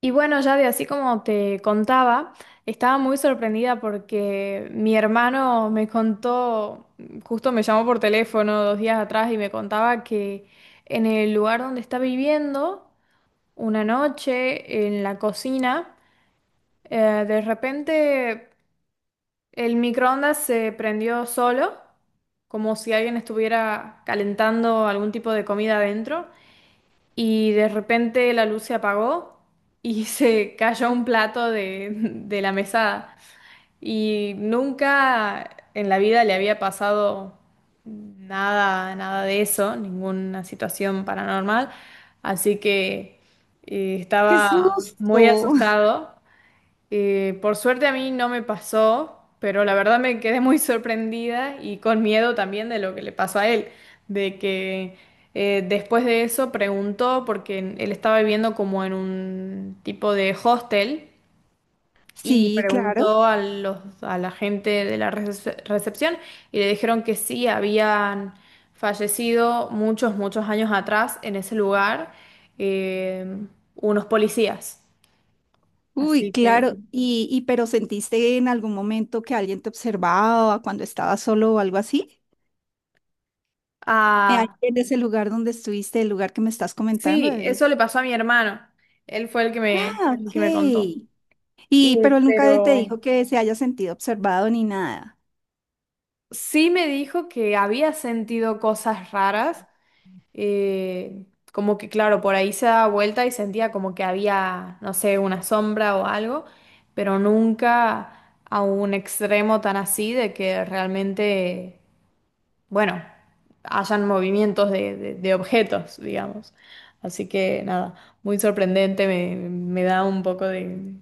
Y bueno, ya de así como te contaba, estaba muy sorprendida porque mi hermano me contó, justo me llamó por teléfono dos días atrás y me contaba que en el lugar donde está viviendo, una noche en la cocina, de repente el microondas se prendió solo, como si alguien estuviera calentando algún tipo de comida adentro y de repente la luz se apagó y se cayó un plato de la mesada. Y nunca en la vida le había pasado nada, nada de eso, ninguna situación paranormal. Así que ¡Qué estaba muy susto! asustado. Por suerte a mí no me pasó, pero la verdad me quedé muy sorprendida y con miedo también de lo que le pasó a él, de que después de eso preguntó, porque él estaba viviendo como en un tipo de hostel, y Sí, claro. preguntó a la gente de la recepción y le dijeron que sí, habían fallecido muchos, muchos años atrás en ese lugar, eh, unos policías. Uy, Así que... claro. Y pero ¿sentiste en algún momento que alguien te observaba cuando estabas solo o algo así? Ahí. Ah, En ese lugar donde estuviste, el lugar que me estás comentando. sí, eso le pasó a mi hermano. Él fue el que Ah, el que me contó. ok. Y- Y pero él nunca te pero dijo que se haya sentido observado ni nada. sí me dijo que había sentido cosas raras, eh, como que claro, por ahí se daba vuelta y sentía como que había, no sé, una sombra o algo, pero nunca a un extremo tan así de que realmente, bueno, hayan movimientos de objetos, digamos. Así que nada, muy sorprendente, me da un poco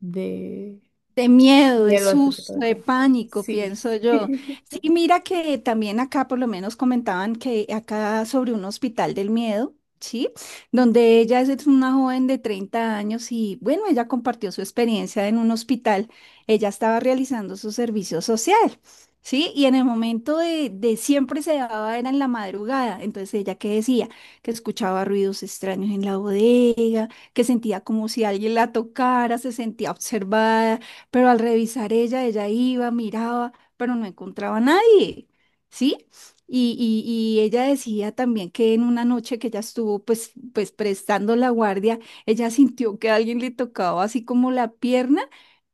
de De miedo, de miedo, ese tipo susto, de de cosas. pánico, Sí. pienso yo. Sí, mira que también acá por lo menos comentaban que acá sobre un hospital del miedo, ¿sí? Donde ella es una joven de 30 años y bueno, ella compartió su experiencia en un hospital. Ella estaba realizando su servicio social, ¿sí? Y en el momento de siempre se daba, era en la madrugada. Entonces ella que decía que escuchaba ruidos extraños en la bodega, que sentía como si alguien la tocara, se sentía observada, pero al revisar ella, ella iba, miraba, pero no encontraba a nadie, ¿sí? Y, y ella decía también que en una noche que ella estuvo pues prestando la guardia, ella sintió que alguien le tocaba así como la pierna,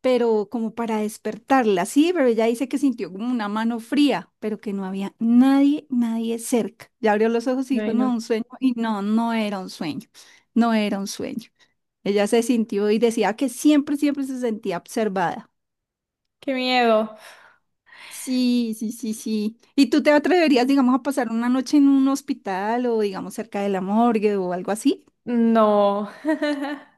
pero como para despertarla, sí, pero ella dice que sintió como una mano fría, pero que no había nadie, nadie cerca. Ya abrió los ojos y dijo, Ay, no, no. un sueño, y no, no era un sueño, no era un sueño. Ella se sintió y decía que siempre, siempre se sentía observada. Qué miedo. Sí, sí, sí, sí. ¿Y tú te atreverías, digamos, a pasar una noche en un hospital o, digamos, cerca de la morgue o algo así? No.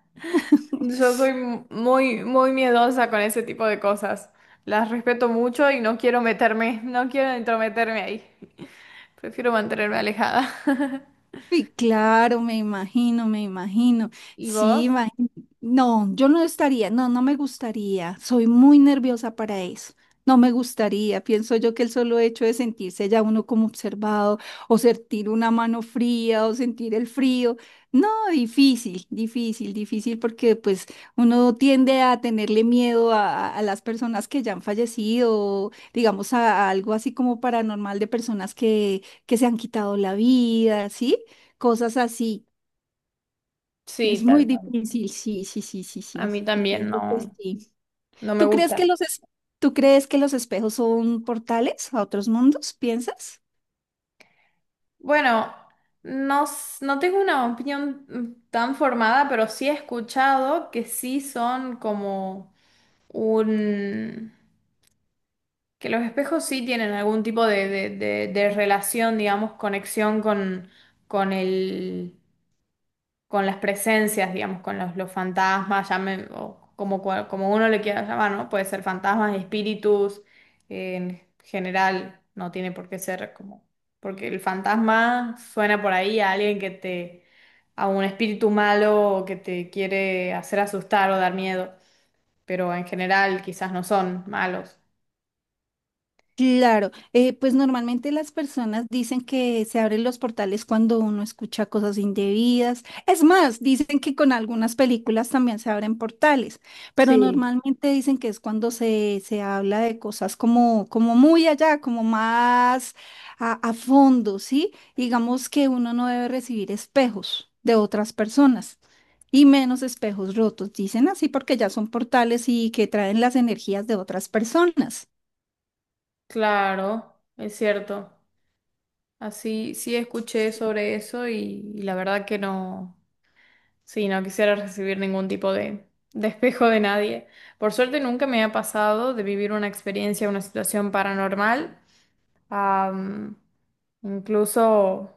Yo soy muy, muy miedosa con ese tipo de cosas. Las respeto mucho y no quiero meterme, no quiero entrometerme ahí. Prefiero mantenerme alejada. Y claro, me imagino, me imagino. ¿Y Sí, vos? imagino. No, yo no estaría, no, no me gustaría. Soy muy nerviosa para eso. No me gustaría. Pienso yo que el solo hecho de sentirse ya uno como observado, o sentir una mano fría, o sentir el frío. No, difícil, difícil, difícil, porque pues uno tiende a tenerle miedo a, a las personas que ya han fallecido, o, digamos a algo así como paranormal de personas que se han quitado la vida, ¿sí? Cosas así. Sí, Es muy tal cual. difícil, sí, sí, sí, sí, A sí. mí Yo también pienso que no, sí. no me ¿Tú crees que gusta. los tú crees que los espejos son portales a otros mundos? ¿Piensas? Bueno, no, no tengo una opinión tan formada, pero sí he escuchado que sí son como un... que los espejos sí tienen algún tipo de, de relación, digamos, conexión con el, con las presencias, digamos, con los fantasmas, llamen, o como, como uno le quiera llamar, ¿no? Puede ser fantasmas, espíritus, en general, no tiene por qué ser como, porque el fantasma suena por ahí a alguien que te, a un espíritu malo o que te quiere hacer asustar o dar miedo, pero en general quizás no son malos. Claro, pues normalmente las personas dicen que se abren los portales cuando uno escucha cosas indebidas. Es más, dicen que con algunas películas también se abren portales, pero Sí. normalmente dicen que es cuando se habla de cosas como, como muy allá, como más a fondo, ¿sí? Digamos que uno no debe recibir espejos de otras personas. Y menos espejos rotos, dicen así porque ya son portales y que traen las energías de otras personas. Claro, es cierto. Así sí escuché sobre eso y la verdad que no. Sí, no quisiera recibir ningún tipo de, despejo de nadie. Por suerte nunca me ha pasado de vivir una experiencia, una situación paranormal. Am, incluso,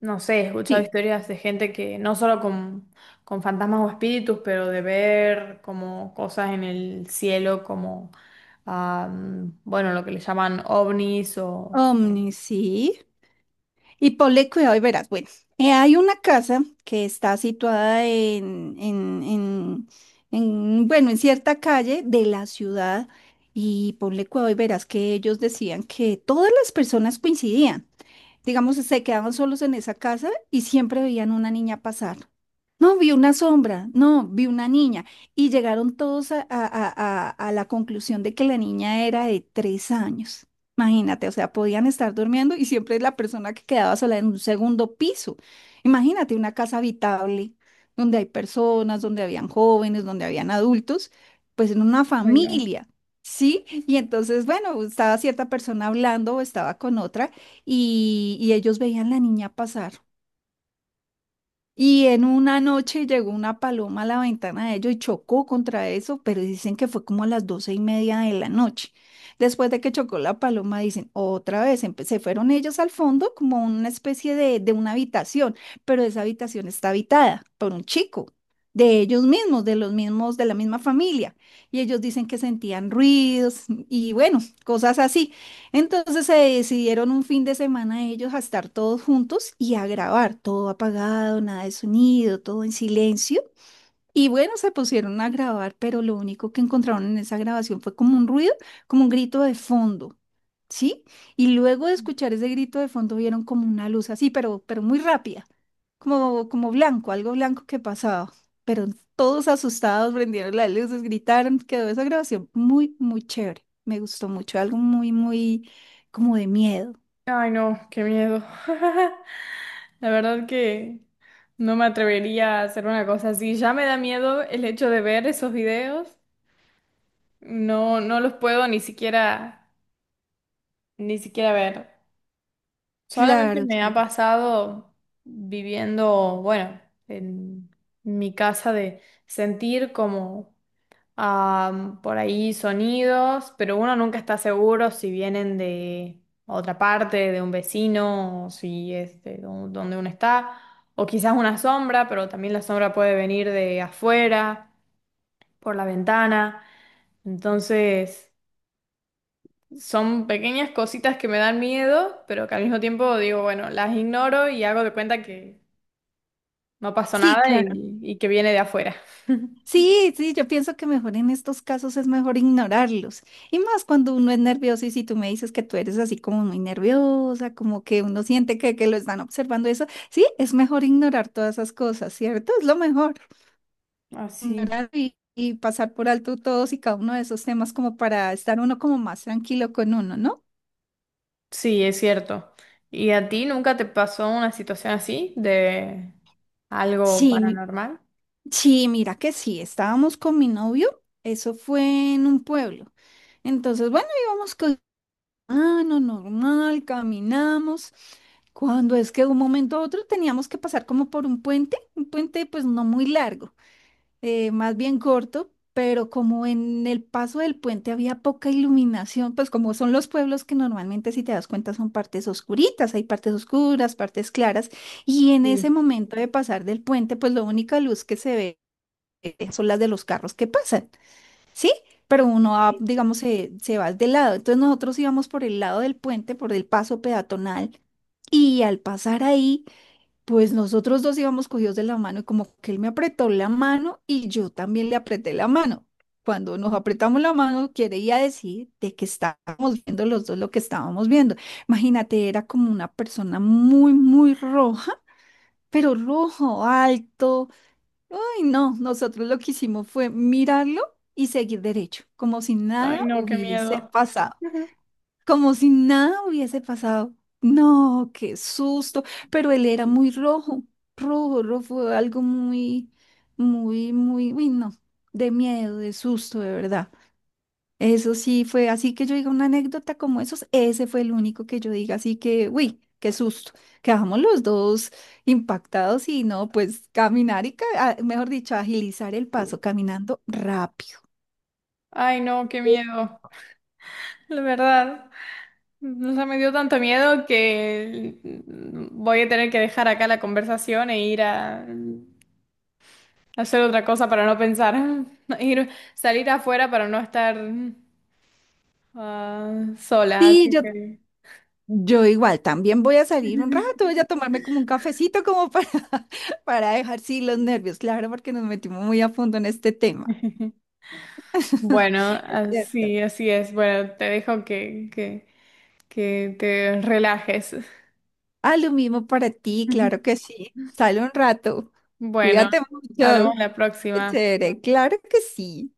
no sé, he escuchado Sí. historias de gente que no solo con fantasmas o espíritus, pero de ver como cosas en el cielo, como, bueno, lo que le llaman ovnis o... Omni, sí. Y ponle cuidado y verás. Bueno, hay una casa que está situada en bueno, en cierta calle de la ciudad. Y ponle cuidado y verás que ellos decían que todas las personas coincidían, digamos, se quedaban solos en esa casa y siempre veían una niña pasar. No, vi una sombra, no, vi una niña. Y llegaron todos a, a la conclusión de que la niña era de 3 años. Imagínate, o sea, podían estar durmiendo y siempre la persona que quedaba sola en un segundo piso. Imagínate una casa habitable donde hay personas, donde habían jóvenes, donde habían adultos, pues en una Ay, no. familia, ¿sí? Y entonces, bueno, estaba cierta persona hablando o estaba con otra y ellos veían la niña pasar. Y en una noche llegó una paloma a la ventana de ellos y chocó contra eso, pero dicen que fue como a las 12:30 de la noche. Después de que chocó la paloma, dicen, otra vez, se fueron ellos al fondo como una especie de una habitación, pero esa habitación está habitada por un chico, de ellos mismos, de los mismos, de la misma familia. Y ellos dicen que sentían ruidos y bueno, cosas así. Entonces se decidieron un fin de semana ellos a estar todos juntos y a grabar, todo apagado, nada de sonido, todo en silencio. Y bueno, se pusieron a grabar, pero lo único que encontraron en esa grabación fue como un ruido, como un grito de fondo, ¿sí? Y luego de escuchar ese grito de fondo vieron como una luz así, pero muy rápida, como, como blanco, algo blanco que pasaba. Pero todos asustados prendieron las luces, gritaron, quedó esa grabación muy, muy chévere. Me gustó mucho, algo muy, muy como de miedo. Ay, no, qué miedo. La verdad que no me atrevería a hacer una cosa así. Ya me da miedo el hecho de ver esos videos. No, no los puedo ni siquiera, ni siquiera ver. Solamente Claro, me ha sí. pasado viviendo, bueno, en mi casa de sentir como por ahí sonidos, pero uno nunca está seguro si vienen de otra parte, de un vecino, o si es de donde uno está, o quizás una sombra, pero también la sombra puede venir de afuera, por la ventana. Entonces, son pequeñas cositas que me dan miedo, pero que al mismo tiempo digo, bueno, las ignoro y hago de cuenta que no pasó Sí, nada y, claro. y que viene de afuera. Sí, sí, yo pienso que mejor en estos casos es mejor ignorarlos. Y más cuando uno es nervioso y si tú me dices que tú eres así como muy nerviosa, como que uno siente que lo están observando eso, sí, es mejor ignorar todas esas cosas, ¿cierto? Es lo mejor. Así. Ignorar y pasar por alto todos y cada uno de esos temas como para estar uno como más tranquilo con uno, ¿no? Sí, es cierto. ¿Y a ti nunca te pasó una situación así de algo Sí, paranormal? sí, mira que sí, estábamos con mi novio, eso fue en un pueblo. Entonces, bueno, íbamos. Ah, no, normal, caminamos. Cuando es que de un momento a otro teníamos que pasar como por un puente pues no muy largo, más bien corto, pero como en el paso del puente había poca iluminación, pues como son los pueblos que normalmente si te das cuenta son partes oscuritas, hay partes oscuras, partes claras, y en ese Sí. momento de pasar del puente pues la única luz que se ve, son las de los carros que pasan. ¿Sí? Pero uno va, digamos, se va de lado. Entonces nosotros íbamos por el lado del puente, por el paso peatonal, y al pasar ahí, pues nosotros dos íbamos cogidos de la mano y como que él me apretó la mano y yo también le apreté la mano. Cuando nos apretamos la mano, quería decir de que estábamos viendo los dos lo que estábamos viendo. Imagínate, era como una persona muy, muy roja, pero rojo, alto, y no, nosotros lo que hicimos fue mirarlo y seguir derecho, como si Ay, nada no, qué hubiese miedo. pasado, Ujú. como si nada hubiese pasado. No, qué susto, pero él era muy rojo, rojo, rojo, fue algo muy, muy, muy, uy, no, de miedo, de susto, de verdad. Eso sí fue así que yo diga una anécdota como esos, ese fue el único que yo diga, así que, uy, qué susto. Quedamos los dos impactados y no, pues caminar y, ah, mejor dicho, agilizar el paso caminando rápido. Ay, no, qué miedo. La verdad, o sea, me dio tanto miedo que voy a tener que dejar acá la conversación e ir a hacer otra cosa para no pensar. Ir, salir afuera para no estar sola, Sí, así yo, que... yo igual, también voy a salir un rato, voy a tomarme como un cafecito como para, para dejar sí los nervios, claro, porque nos metimos muy a fondo en este tema. Bueno, Es cierto. así, así es. Bueno, te dejo que te relajes. Ah, lo mismo para ti, claro que sí. Sale un rato. Bueno, Cuídate hablamos mucho. la próxima. Chévere, claro que sí.